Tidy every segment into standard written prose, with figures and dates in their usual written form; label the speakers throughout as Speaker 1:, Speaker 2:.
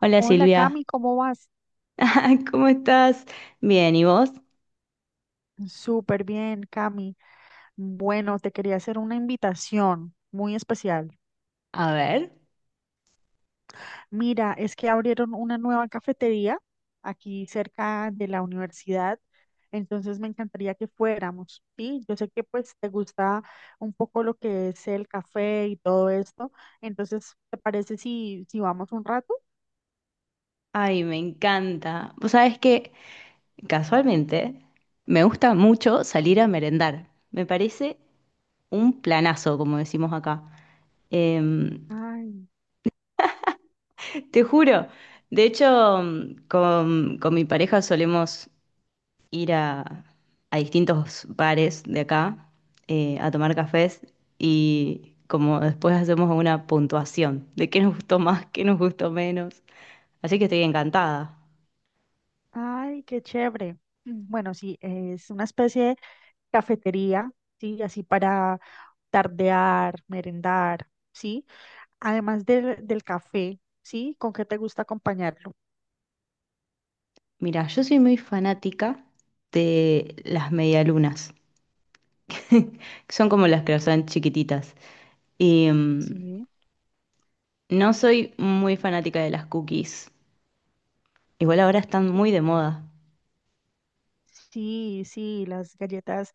Speaker 1: Hola
Speaker 2: Hola
Speaker 1: Silvia,
Speaker 2: Cami, ¿cómo vas?
Speaker 1: ¿cómo estás? Bien, ¿y vos?
Speaker 2: Súper bien, Cami. Bueno, te quería hacer una invitación muy especial.
Speaker 1: A ver,
Speaker 2: Mira, es que abrieron una nueva cafetería aquí cerca de la universidad, entonces me encantaría que fuéramos. Sí, yo sé que pues te gusta un poco lo que es el café y todo esto, entonces ¿te parece si vamos un rato?
Speaker 1: ay, me encanta. Vos sabés que casualmente me gusta mucho salir a merendar. Me parece un planazo, como decimos acá. Em,
Speaker 2: Ay,
Speaker 1: Te juro. De hecho, con mi pareja solemos ir a distintos bares de acá a tomar cafés y como después hacemos una puntuación de qué nos gustó más, qué nos gustó menos. Así que estoy encantada.
Speaker 2: ay, qué chévere. Bueno, sí, es una especie de cafetería, sí, así para tardear, merendar, ¿sí? Además del café, ¿sí? ¿Con qué te gusta acompañarlo?
Speaker 1: Mira, yo soy muy fanática de las medialunas, que son como las que son chiquititas. Y
Speaker 2: Sí.
Speaker 1: no soy muy fanática de las cookies. Igual ahora están muy de
Speaker 2: Ok.
Speaker 1: moda.
Speaker 2: Sí, sí, las galletas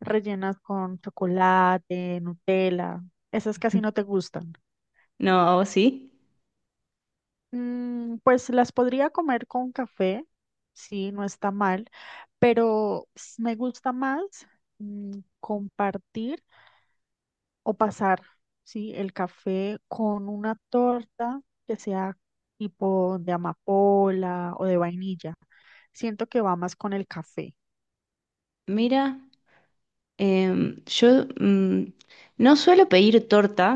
Speaker 2: rellenas con chocolate, Nutella, esas casi no te gustan.
Speaker 1: No, ¿a vos sí?
Speaker 2: Pues las podría comer con café, sí, no está mal, pero me gusta más compartir o pasar, ¿sí? El café con una torta que sea tipo de amapola o de vainilla. Siento que va más con el café,
Speaker 1: Mira, yo no suelo pedir torta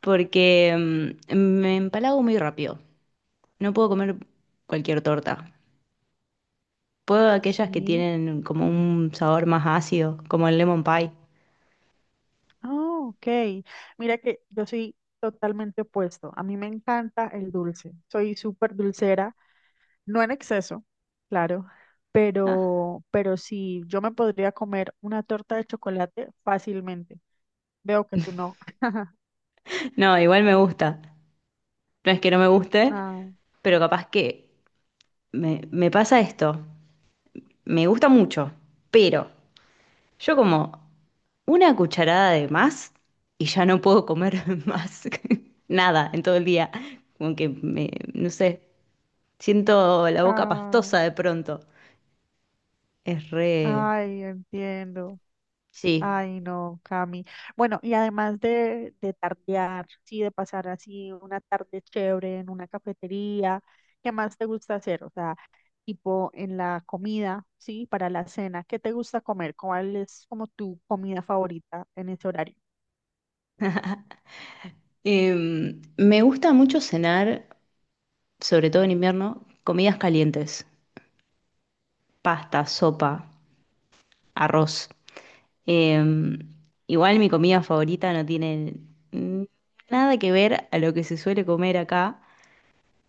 Speaker 1: porque me empalago muy rápido. No puedo comer cualquier torta. Puedo aquellas que
Speaker 2: ¿sí?
Speaker 1: tienen como un sabor más ácido, como el lemon pie.
Speaker 2: Ah, ok. Mira que yo soy totalmente opuesto. A mí me encanta el dulce. Soy súper dulcera, no en exceso, claro, pero sí, yo me podría comer una torta de chocolate fácilmente. Veo que tú no.
Speaker 1: No, igual me gusta. No es que no me guste,
Speaker 2: Ah,
Speaker 1: pero capaz que me pasa esto. Me gusta mucho, pero yo como una cucharada de más y ya no puedo comer más nada en todo el día. Como que me, no sé, siento la boca
Speaker 2: ah,
Speaker 1: pastosa de pronto. Es re...
Speaker 2: ay, entiendo.
Speaker 1: Sí.
Speaker 2: Ay, no, Cami. Bueno, y además de tardear, sí, de pasar así una tarde chévere en una cafetería, ¿qué más te gusta hacer? O sea, tipo en la comida, sí, para la cena, ¿qué te gusta comer? ¿Cuál es como tu comida favorita en ese horario?
Speaker 1: Me gusta mucho cenar, sobre todo en invierno, comidas calientes, pasta, sopa, arroz. Eh, Igual mi comida favorita no tiene mm, nada que ver a lo que se suele comer acá.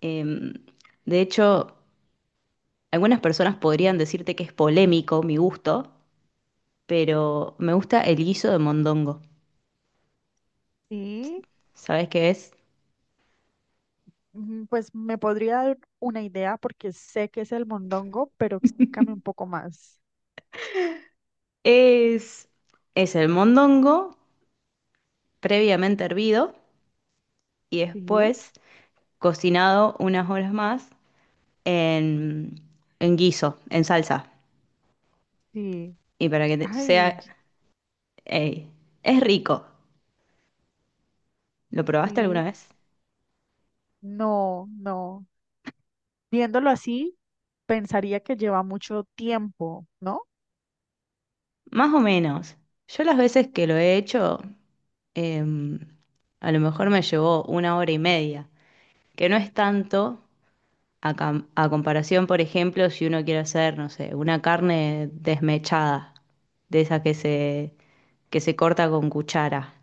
Speaker 1: Eh, de hecho, algunas personas podrían decirte que es polémico mi gusto, pero me gusta el guiso de mondongo.
Speaker 2: Sí,
Speaker 1: ¿Sabes qué es?
Speaker 2: pues me podría dar una idea porque sé que es el mondongo, pero explícame un poco más.
Speaker 1: Es, es el mondongo previamente hervido y
Speaker 2: Sí,
Speaker 1: después cocinado unas horas más en, en guiso, en salsa.
Speaker 2: sí.
Speaker 1: Y para que te-
Speaker 2: Ay,
Speaker 1: sea... ey, es rico. ¿Lo probaste alguna
Speaker 2: sí.
Speaker 1: vez?
Speaker 2: No, no. Viéndolo así, pensaría que lleva mucho tiempo, ¿no?
Speaker 1: Más o menos. Yo las veces que lo he hecho, em, a lo mejor me llevó una hora y media, que no es tanto a comparación, por ejemplo, si uno quiere hacer, no sé, una carne desmechada, de esa que se corta con cuchara.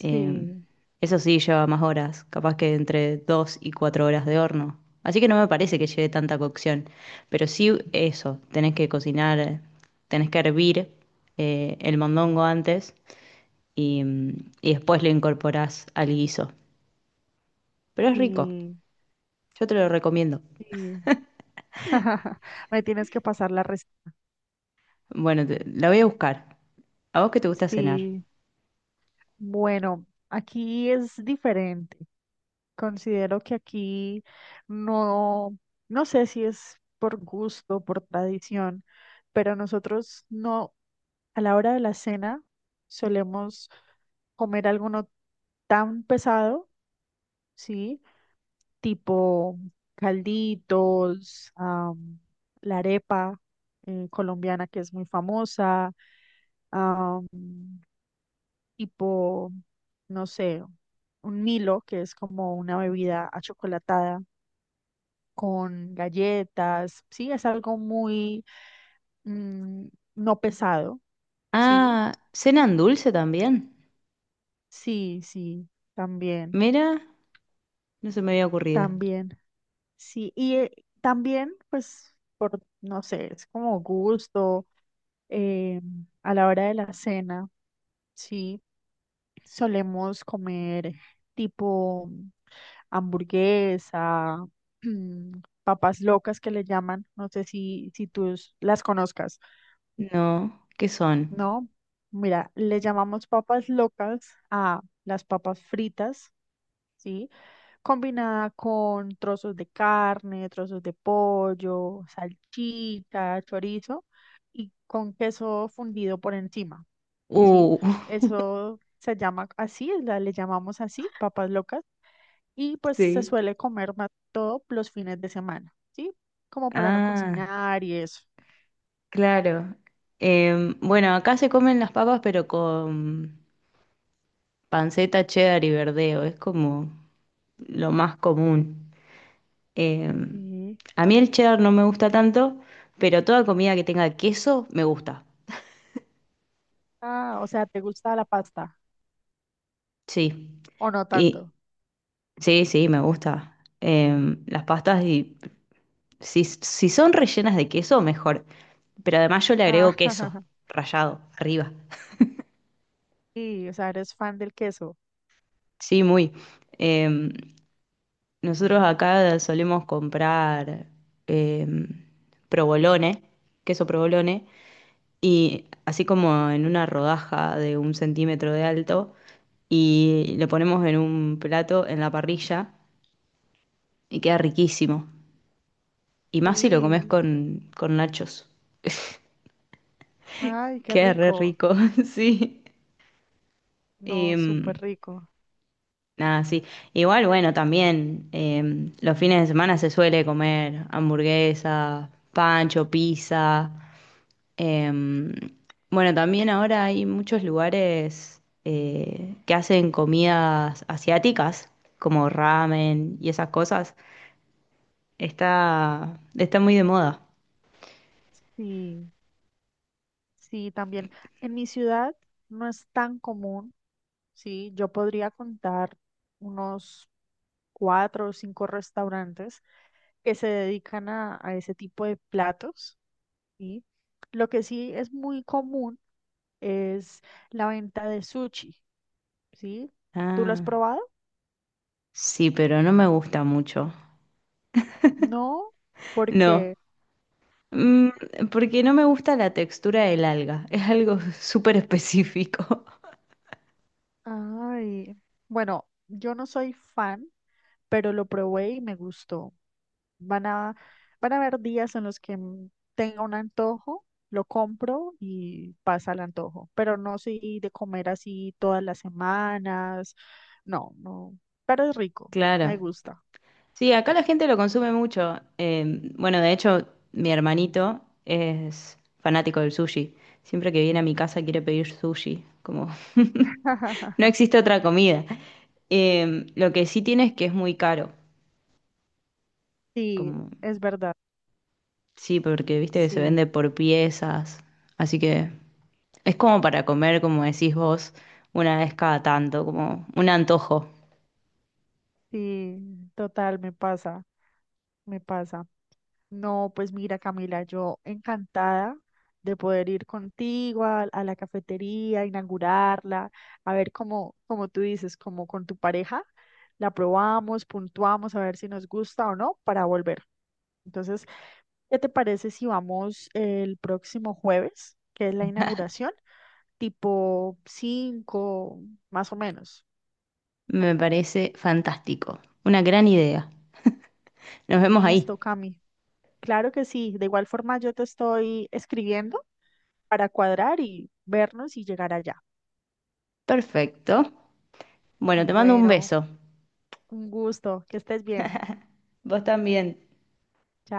Speaker 1: Em, Eso sí, lleva más horas, capaz que entre 2 y 4 horas de horno. Así que no me parece que lleve tanta cocción. Pero sí eso, tenés que cocinar, tenés que hervir el mondongo antes y después lo incorporás al guiso. Pero es rico,
Speaker 2: sí,
Speaker 1: yo te lo recomiendo.
Speaker 2: sí. Me tienes que pasar la respuesta.
Speaker 1: Bueno, la voy a buscar. ¿A vos qué te gusta cenar?
Speaker 2: Sí, bueno, aquí es diferente. Considero que aquí no, no sé si es por gusto, por tradición, pero nosotros no, a la hora de la cena solemos comer alguno tan pesado, ¿sí? Tipo calditos, la arepa colombiana que es muy famosa, am, tipo, no sé, un Milo que es como una bebida achocolatada con galletas, sí, es algo muy mm, no pesado, sí,
Speaker 1: Ah, ¿cenan dulce también?
Speaker 2: sí, sí, también,
Speaker 1: Mira, no se me había ocurrido.
Speaker 2: también, sí, y también, pues, por, no sé, es como gusto. eh, a la hora de la cena, sí, solemos comer tipo hamburguesa, mm, papas locas que le llaman, no sé si tú las conozcas,
Speaker 1: No, ¿qué son?
Speaker 2: ¿no? Mira, le llamamos papas locas a las papas fritas, ¿sí? Combinada con trozos de carne, trozos de pollo, salchicha, chorizo y con queso fundido por encima. ¿Sí?
Speaker 1: Uh,
Speaker 2: Eso se llama así, le llamamos así, papas locas, y pues se
Speaker 1: sí.
Speaker 2: suele comer más todo los fines de semana, ¿sí? Como para no
Speaker 1: Ah,
Speaker 2: cocinar y eso.
Speaker 1: claro. Bueno, acá se comen las papas, pero con panceta, cheddar y verdeo. Es como lo más común. Em,
Speaker 2: Sí.
Speaker 1: a mí el cheddar no me gusta tanto, pero toda comida que tenga queso me gusta.
Speaker 2: Ah, o sea, ¿te gusta la pasta
Speaker 1: Sí.
Speaker 2: o no
Speaker 1: Y
Speaker 2: tanto?
Speaker 1: sí, sí, me gusta. Las pastas, y, si son rellenas de queso, mejor. Pero además yo le
Speaker 2: Ah,
Speaker 1: agrego queso rallado arriba.
Speaker 2: sí, o sea, eres fan del queso.
Speaker 1: Sí, muy. Em, Nosotros acá solemos comprar em, provolone, queso provolone, y así como en una rodaja de un centímetro de alto, y lo ponemos en un plato en la parrilla y queda riquísimo. Y más si lo comes
Speaker 2: Sí,
Speaker 1: con nachos.
Speaker 2: ay, qué
Speaker 1: Queda re
Speaker 2: rico.
Speaker 1: rico, sí.
Speaker 2: No, súper
Speaker 1: Em,
Speaker 2: rico.
Speaker 1: Nada, sí. Igual, bueno, también los fines de semana se suele comer hamburguesa, pancho, pizza. Em, bueno, también ahora hay muchos lugares que hacen comidas asiáticas, como ramen y esas cosas. Está muy de moda.
Speaker 2: Sí, sí, también. En mi ciudad no es tan común. Sí, yo podría contar unos cuatro o cinco restaurantes que se dedican a ese tipo de platos, ¿sí? Lo que sí es muy común es la venta de sushi, ¿sí? ¿Tú lo has
Speaker 1: Ah,
Speaker 2: probado?
Speaker 1: sí, pero no me gusta mucho.
Speaker 2: No,
Speaker 1: No,
Speaker 2: porque,
Speaker 1: Mm, porque no me gusta la textura del alga. Es algo súper específico.
Speaker 2: ay, bueno, yo no soy fan, pero lo probé y me gustó. Van a, van a haber días en los que tenga un antojo, lo compro y pasa el antojo, pero no soy de comer así todas las semanas, no, no, pero es rico,
Speaker 1: Claro.
Speaker 2: me gusta.
Speaker 1: Sí, acá la gente lo consume mucho. Bueno, de hecho, mi hermanito es fanático del sushi. Siempre que viene a mi casa quiere pedir sushi, como no existe otra comida. Lo que sí tiene es que es muy caro,
Speaker 2: Sí,
Speaker 1: como
Speaker 2: es verdad,
Speaker 1: sí, porque viste que se
Speaker 2: sí,
Speaker 1: vende por piezas, así que es como para comer, como decís vos, una vez cada tanto, como un antojo.
Speaker 2: sí, total, me pasa, me pasa. No, pues mira, Camila, yo encantada de poder ir contigo a la cafetería, inaugurarla, a ver cómo, como tú dices, como con tu pareja, la probamos, puntuamos, a ver si nos gusta o no para volver. Entonces, ¿qué te parece si vamos el próximo jueves, que es la inauguración, tipo 5 más o menos?
Speaker 1: Me parece fantástico, una gran idea. Nos vemos ahí.
Speaker 2: Listo, Cami. Claro que sí. De igual forma, yo te estoy escribiendo para cuadrar y vernos y llegar allá.
Speaker 1: Perfecto. Bueno, te mando un
Speaker 2: Bueno,
Speaker 1: beso.
Speaker 2: un gusto, que estés bien.
Speaker 1: Vos también.
Speaker 2: Chao.